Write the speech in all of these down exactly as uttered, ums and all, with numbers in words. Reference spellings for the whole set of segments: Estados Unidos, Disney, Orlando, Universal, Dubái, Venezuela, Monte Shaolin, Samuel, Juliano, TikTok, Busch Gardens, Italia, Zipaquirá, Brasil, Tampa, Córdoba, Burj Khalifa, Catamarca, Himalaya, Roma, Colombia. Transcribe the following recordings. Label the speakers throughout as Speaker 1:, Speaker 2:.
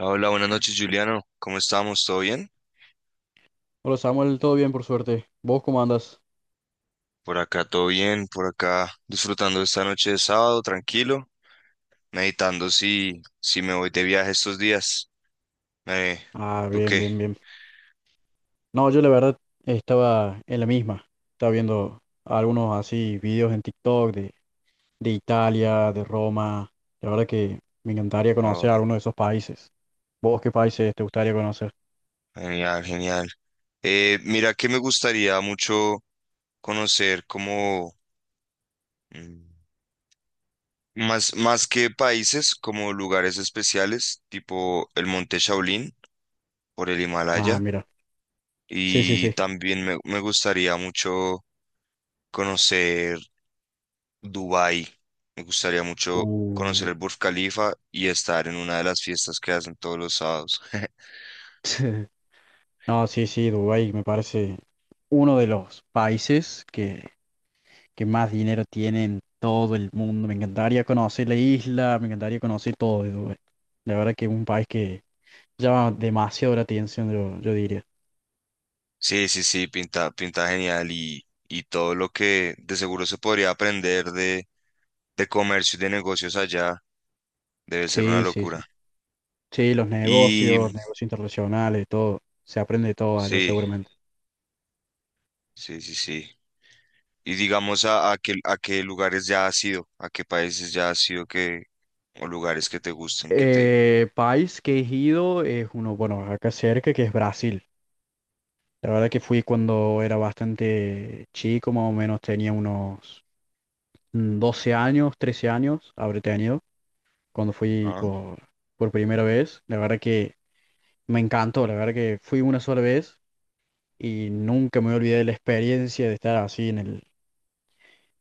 Speaker 1: Hola, buenas noches, Juliano. ¿Cómo estamos? ¿Todo bien?
Speaker 2: Hola Samuel, todo bien por suerte. ¿Vos cómo andas?
Speaker 1: Por acá, todo bien. Por acá, disfrutando esta noche de sábado, tranquilo. Meditando si, si me voy de viaje estos días. Eh,
Speaker 2: Ah,
Speaker 1: ¿Tú
Speaker 2: bien,
Speaker 1: qué?
Speaker 2: bien, bien. No, yo la verdad estaba en la misma. Estaba viendo algunos así videos en TikTok de, de Italia, de Roma. La verdad que me encantaría
Speaker 1: Oh,
Speaker 2: conocer alguno de esos países. ¿Vos qué países te gustaría conocer?
Speaker 1: genial, genial. Eh, mira, que me gustaría mucho conocer como mm, más, más que países, como lugares especiales, tipo el Monte Shaolin por el
Speaker 2: Ah,
Speaker 1: Himalaya.
Speaker 2: mira. Sí, sí,
Speaker 1: Y
Speaker 2: sí.
Speaker 1: también me, me gustaría mucho conocer Dubái. Me gustaría mucho conocer
Speaker 2: Uh.
Speaker 1: el Burj Khalifa y estar en una de las fiestas que hacen todos los sábados.
Speaker 2: No, sí, sí, Dubái me parece uno de los países que que más dinero tiene en todo el mundo. Me encantaría conocer la isla, me encantaría conocer todo de Dubái. La verdad que es un país que llama demasiado la atención, yo, yo diría.
Speaker 1: Sí, sí, sí, pinta, pinta genial y, y todo lo que de seguro se podría aprender de, de comercio y de negocios allá debe ser una
Speaker 2: Sí, sí, sí.
Speaker 1: locura.
Speaker 2: Sí, los
Speaker 1: Y
Speaker 2: negocios, negocios internacionales, todo. Se aprende de todo allá
Speaker 1: sí,
Speaker 2: seguramente.
Speaker 1: sí, sí, sí. Y digamos a, a qué, a qué lugares ya has ido, a qué países ya has ido que, o lugares que te gusten, que te...
Speaker 2: Eh, país que he ido es uno, bueno, acá cerca, que es Brasil. La verdad que fui cuando era bastante chico, más o menos tenía unos mm, doce años, trece años, habré tenido. cuando fui
Speaker 1: Ajá.
Speaker 2: por, por primera vez. La verdad que me encantó, la verdad que fui una sola vez y nunca me olvidé de la experiencia de estar así en el,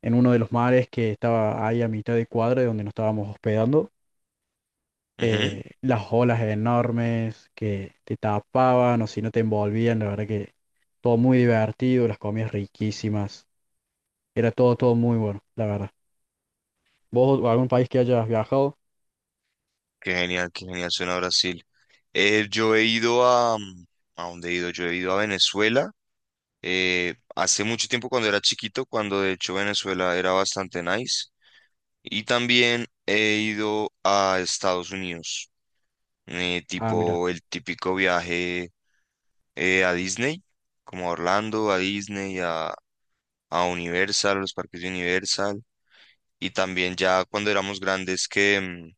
Speaker 2: en uno de los mares que estaba ahí a mitad de cuadra de donde nos estábamos hospedando.
Speaker 1: Ujú.
Speaker 2: Eh, las olas enormes que te tapaban o si no te envolvían, la verdad que todo muy divertido, las comidas riquísimas, era todo, todo muy bueno, la verdad. ¿Vos algún país que hayas viajado?
Speaker 1: Qué genial, qué genial suena Brasil. Eh, yo he ido a... mm, ¿a dónde he ido? Yo he ido a Venezuela. Eh, hace mucho tiempo cuando era chiquito, cuando de hecho Venezuela era bastante nice. Y también he ido a Estados Unidos. Eh,
Speaker 2: Ah, mira.
Speaker 1: tipo el típico viaje eh, a Disney, como a Orlando, a Disney, a, a Universal, los parques de Universal. Y también ya cuando éramos grandes que, mm,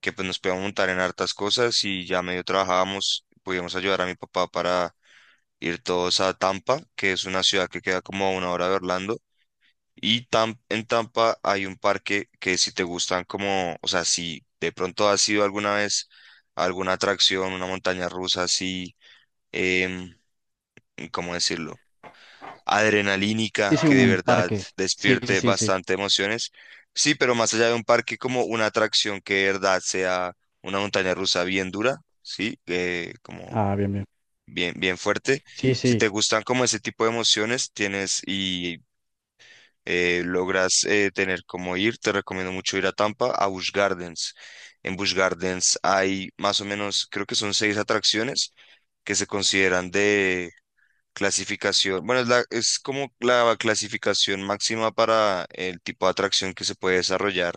Speaker 1: que pues nos podíamos montar en hartas cosas y ya medio trabajábamos, podíamos ayudar a mi papá para ir todos a Tampa, que es una ciudad que queda como a una hora de Orlando. Y Tam- en Tampa hay un parque que si te gustan como, o sea, si de pronto has ido alguna vez a alguna atracción, una montaña rusa así, em, ¿cómo decirlo?
Speaker 2: Sí,
Speaker 1: Adrenalínica,
Speaker 2: sí,
Speaker 1: que de
Speaker 2: un
Speaker 1: verdad
Speaker 2: parque. Sí,
Speaker 1: despierte
Speaker 2: sí, sí.
Speaker 1: bastante emociones. Sí, pero más allá de un parque como una atracción que de verdad sea una montaña rusa bien dura, sí, eh, como
Speaker 2: Ah, bien, bien.
Speaker 1: bien, bien fuerte.
Speaker 2: Sí,
Speaker 1: Si
Speaker 2: sí,
Speaker 1: te gustan como ese tipo de emociones, tienes y eh, logras eh, tener como ir, te recomiendo mucho ir a Tampa, a Busch Gardens. En Busch Gardens hay más o menos, creo que son seis atracciones que se consideran de clasificación. Bueno, es, la- es como la clasificación máxima para el tipo de atracción que se puede desarrollar,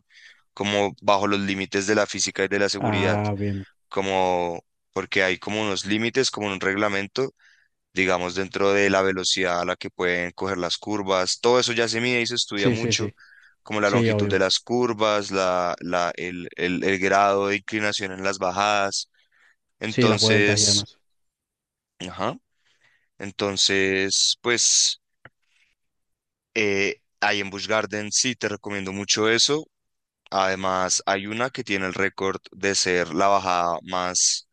Speaker 1: como bajo los límites de la física y de la seguridad,
Speaker 2: Ah, bien.
Speaker 1: como porque hay como unos límites, como un reglamento digamos, dentro de la velocidad a la que pueden coger las curvas. Todo eso ya se mide y se estudia
Speaker 2: Sí, sí,
Speaker 1: mucho,
Speaker 2: sí.
Speaker 1: como la
Speaker 2: Sí,
Speaker 1: longitud
Speaker 2: obvio.
Speaker 1: de las curvas, la, la- el, el- el grado de inclinación en las bajadas.
Speaker 2: Sí, las vueltas y
Speaker 1: Entonces,
Speaker 2: demás.
Speaker 1: ajá, entonces, pues, eh, ahí en Busch Garden sí te recomiendo mucho eso. Además, hay una que tiene el récord de ser la bajada más,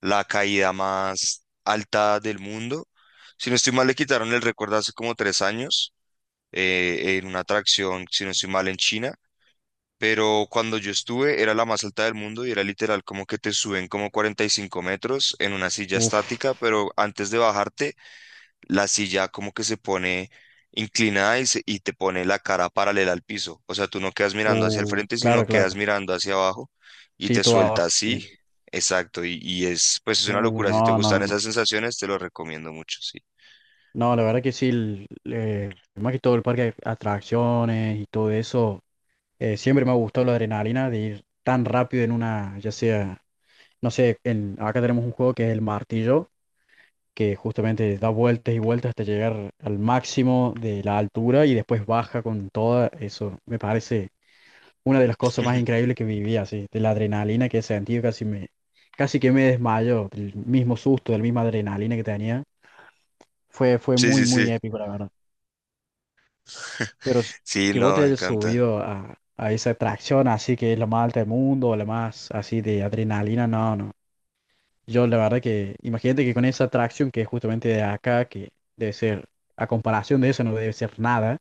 Speaker 1: la caída más alta del mundo. Si no estoy mal, le quitaron el récord hace como tres años eh, en una atracción, si no estoy mal, en China. Pero cuando yo estuve era la más alta del mundo y era literal como que te suben como cuarenta y cinco metros en una silla
Speaker 2: Uf.
Speaker 1: estática, pero antes de bajarte, la silla como que se pone inclinada y, se- y te pone la cara paralela al piso. O sea, tú no quedas mirando hacia el
Speaker 2: Uh,
Speaker 1: frente, sino
Speaker 2: claro, claro.
Speaker 1: quedas mirando hacia abajo y
Speaker 2: Sí,
Speaker 1: te
Speaker 2: todo
Speaker 1: suelta
Speaker 2: abajo.
Speaker 1: así.
Speaker 2: Bien.
Speaker 1: Exacto, y, y es pues es una
Speaker 2: Uh,
Speaker 1: locura. Si te
Speaker 2: no, no,
Speaker 1: gustan
Speaker 2: no.
Speaker 1: esas sensaciones, te lo recomiendo mucho, sí.
Speaker 2: No, la verdad que sí, el- eh, más que todo el parque de atracciones y todo eso, eh, siempre me ha gustado la adrenalina de ir tan rápido en una, ya sea, no sé, en, acá tenemos un juego que es el martillo. Que justamente da vueltas y vueltas hasta llegar al máximo de la altura y después baja con toda eso. Me parece una de las cosas más increíbles que viví así, de la adrenalina que he sentido, casi me, casi que me desmayo, del mismo susto, del misma adrenalina que tenía. Fue, fue
Speaker 1: Sí,
Speaker 2: muy,
Speaker 1: sí, sí.
Speaker 2: muy épico, la verdad. Pero s-
Speaker 1: Sí,
Speaker 2: que vos
Speaker 1: no,
Speaker 2: te
Speaker 1: me
Speaker 2: hayas
Speaker 1: encanta.
Speaker 2: subido a, a esa atracción así que es la más alta del mundo, la más así de adrenalina, no, no. Yo la verdad que, imagínate que con esa atracción que es justamente de acá, que debe ser, a comparación de eso no debe ser nada,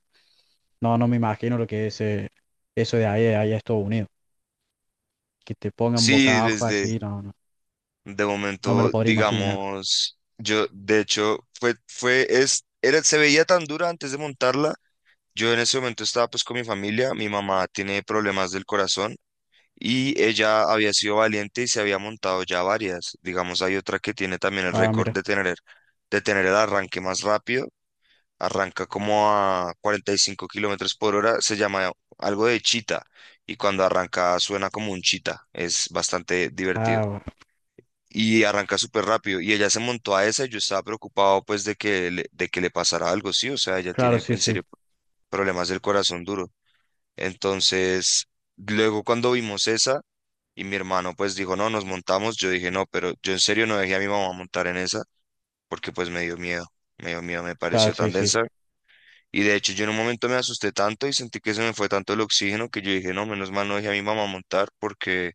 Speaker 2: no, no me imagino lo que es eh, eso de ahí, allá a Estados Unidos, que te pongan boca
Speaker 1: Sí,
Speaker 2: abajo
Speaker 1: desde
Speaker 2: así, no, no,
Speaker 1: de
Speaker 2: no me
Speaker 1: momento,
Speaker 2: lo podría imaginar.
Speaker 1: digamos, yo de hecho fue fue es era se veía tan dura antes de montarla. Yo en ese momento estaba pues con mi familia, mi mamá tiene problemas del corazón y ella había sido valiente y se había montado ya varias. Digamos, hay otra que tiene también el
Speaker 2: Ah,
Speaker 1: récord
Speaker 2: mira,
Speaker 1: de tener de tener el arranque más rápido. Arranca como a cuarenta y cinco kilómetros por hora, se llama algo de chita y cuando arranca suena como un chita. Es bastante divertido.
Speaker 2: ah, bueno.
Speaker 1: Y arranca súper rápido. Y ella se montó a esa y yo estaba preocupado pues de que le, de que le, pasara algo, sí, o sea, ella
Speaker 2: Claro,
Speaker 1: tiene
Speaker 2: sí,
Speaker 1: en
Speaker 2: sí,
Speaker 1: serio problemas del corazón duro. Entonces, luego cuando vimos esa y mi hermano pues dijo, no, nos montamos, yo dije, no, pero yo en serio no dejé a mi mamá montar en esa porque pues me dio miedo, me dio miedo, me
Speaker 2: claro,
Speaker 1: pareció
Speaker 2: sí,
Speaker 1: tan
Speaker 2: sí.
Speaker 1: densa. Y de hecho yo en un momento me asusté tanto y sentí que se me fue tanto el oxígeno que yo dije, no, menos mal no dejé a mi mamá montar porque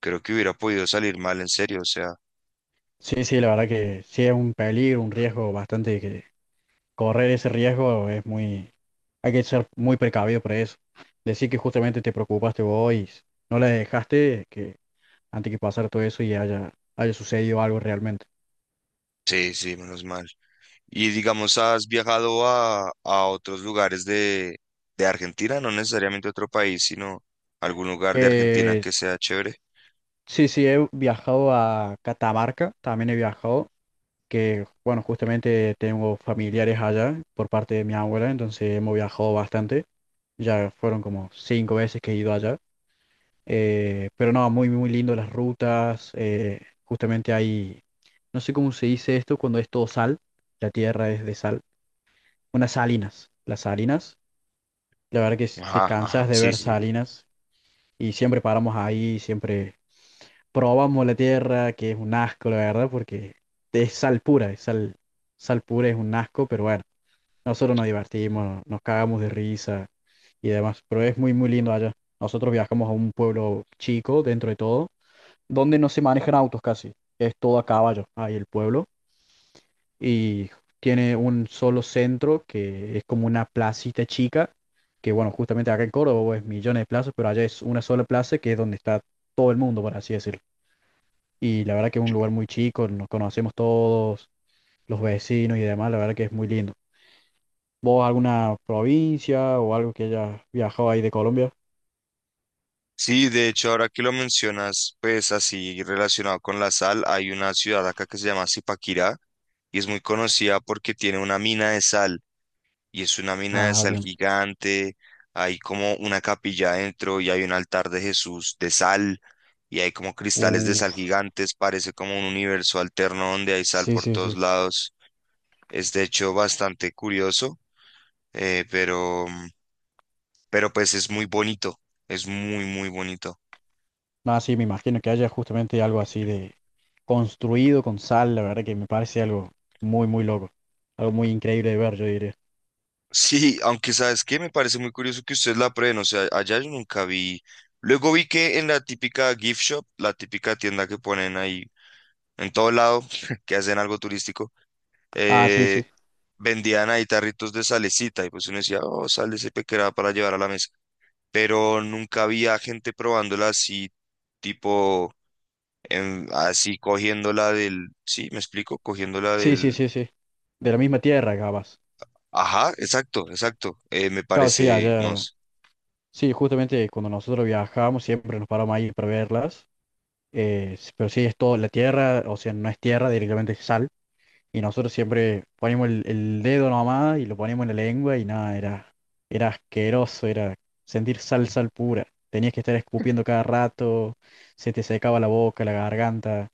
Speaker 1: creo que hubiera podido salir mal en serio, o sea,
Speaker 2: Sí, sí, la verdad que sí es un peligro, un riesgo bastante que correr ese riesgo es muy, hay que ser muy precavido por eso. Decir que justamente te preocupaste vos y no la dejaste, que antes que pasara todo eso y haya, haya sucedido algo realmente.
Speaker 1: sí, sí, menos mal. Y digamos, ¿has viajado a, a otros lugares de, de Argentina? No necesariamente otro país, sino algún lugar de Argentina
Speaker 2: Eh,
Speaker 1: que sea chévere.
Speaker 2: sí, sí, he viajado a Catamarca, también he viajado, que bueno, justamente tengo familiares allá por parte de mi abuela, entonces hemos viajado bastante. Ya fueron como cinco veces que he ido allá. Eh, pero no, muy, muy lindo las rutas. eh, justamente hay, no sé cómo se dice esto cuando es todo sal, la tierra es de sal. Unas salinas, las salinas. La verdad que s- te
Speaker 1: Ajá, ajá,
Speaker 2: cansas de
Speaker 1: sí,
Speaker 2: ver
Speaker 1: sí.
Speaker 2: salinas y siempre paramos ahí, siempre probamos la tierra, que es un asco, la verdad, porque es sal pura, es sal, sal pura, es un asco, pero bueno, nosotros nos divertimos, nos cagamos de risa y demás, pero es muy, muy lindo allá. Nosotros viajamos a un pueblo chico, dentro de todo, donde no se manejan autos casi, es todo a caballo, ahí el pueblo y tiene un solo centro que es como una placita chica, que bueno, justamente acá en Córdoba es millones de plazas, pero allá es una sola plaza que es donde está todo el mundo, por así decirlo. Y la verdad que es un lugar muy chico, nos conocemos todos, los vecinos y demás, la verdad que es muy lindo. ¿Vos alguna provincia o algo que hayas viajado ahí de Colombia?
Speaker 1: Sí, de hecho, ahora que lo mencionas, pues así relacionado con la sal, hay una ciudad acá que se llama Zipaquirá y es muy conocida porque tiene una mina de sal y es una mina de
Speaker 2: Ah,
Speaker 1: sal
Speaker 2: bien.
Speaker 1: gigante, hay como una capilla adentro y hay un altar de Jesús de sal y hay como cristales de sal
Speaker 2: Uf,
Speaker 1: gigantes, parece como un universo alterno donde hay sal
Speaker 2: sí,
Speaker 1: por
Speaker 2: sí,
Speaker 1: todos
Speaker 2: sí.
Speaker 1: lados. Es de hecho bastante curioso, eh, pero, pero pues es muy bonito, es muy, muy bonito.
Speaker 2: Nada, sí, me imagino que haya justamente algo así de construido con sal, la verdad que me parece algo muy, muy loco. Algo muy increíble de ver, yo diría.
Speaker 1: Sí, aunque sabes qué, me parece muy curioso que ustedes la prueben, o sea, allá yo nunca vi. Luego vi que en la típica gift shop, la típica tienda que ponen ahí en todo lado, que hacen algo turístico,
Speaker 2: Ah, sí,
Speaker 1: eh,
Speaker 2: sí.
Speaker 1: vendían ahí tarritos de salecita y pues uno decía, oh, sal de ese pequeño para llevar a la mesa. Pero nunca había gente probándola así, tipo, en- así cogiéndola del, sí, me explico, cogiéndola
Speaker 2: Sí, sí,
Speaker 1: del,
Speaker 2: sí, sí. De la misma tierra, capaz.
Speaker 1: ajá, exacto, exacto, eh, me
Speaker 2: Claro, sí,
Speaker 1: parece, no
Speaker 2: allá.
Speaker 1: sé,
Speaker 2: Sí, justamente cuando nosotros viajábamos siempre nos paramos ahí para verlas. eh, s- pero sí, es todo la tierra, o sea, no es tierra, directamente es sal. Y nosotros siempre poníamos el, el dedo nomás y lo poníamos en la lengua y nada, era, era asqueroso, era sentir sal, sal pura. Tenías que estar escupiendo cada rato, se te secaba la boca, la garganta.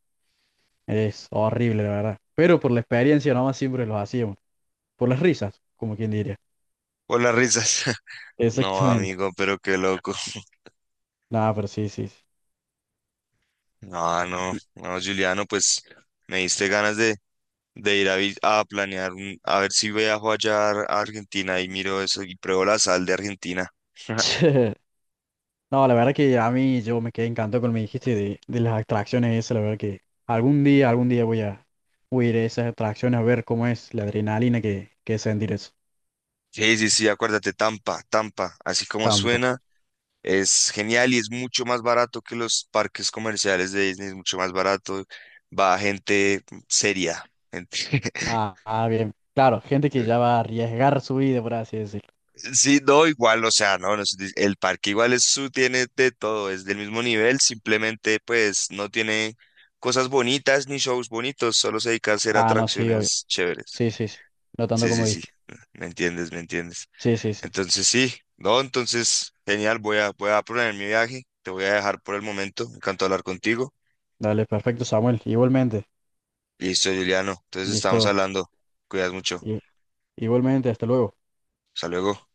Speaker 2: Es horrible, la verdad. Pero por la experiencia nomás siempre los hacíamos. Por las risas, como quien diría.
Speaker 1: por las risas. No,
Speaker 2: Exactamente.
Speaker 1: amigo, pero qué loco.
Speaker 2: Nada, pero sí, sí, sí.
Speaker 1: No, no,
Speaker 2: Y-
Speaker 1: no, Juliano, pues me diste ganas de, de ir a, vi- a planear, un- a ver si viajo allá a a Argentina y miro eso y pruebo la sal de Argentina.
Speaker 2: No, la verdad que a mí yo me quedé encantado con lo que me dijiste de, de las atracciones esas. La verdad que algún día, algún día voy a, voy a ir a esas atracciones a ver cómo es la adrenalina que, que es sentir eso.
Speaker 1: Sí, sí, sí, acuérdate, Tampa, Tampa, así como
Speaker 2: Tampa.
Speaker 1: suena. Es genial y es mucho más barato que los parques comerciales de Disney, es mucho más barato. Va gente seria, gente.
Speaker 2: Ah, ah, bien. Claro, gente que ya va a arriesgar su vida, por así decirlo.
Speaker 1: Sí, no, igual, o sea, no, no es- el parque igual es su, tiene de todo, es del mismo nivel, simplemente pues no tiene cosas bonitas ni shows bonitos, solo se dedica a hacer
Speaker 2: Ah, no, sí, obvio.
Speaker 1: atracciones chéveres.
Speaker 2: Sí, sí, sí. No tanto
Speaker 1: Sí, sí,
Speaker 2: como dije.
Speaker 1: sí, me entiendes, me entiendes.
Speaker 2: Sí, sí, sí.
Speaker 1: Entonces sí, no, entonces genial, voy a, voy a poner mi viaje, te voy a dejar por el momento, me encantó hablar contigo.
Speaker 2: Dale, perfecto, Samuel. Igualmente.
Speaker 1: Listo, Juliano. Entonces estamos
Speaker 2: Listo.
Speaker 1: hablando. Cuidas mucho.
Speaker 2: I- igualmente, hasta luego.
Speaker 1: Hasta luego.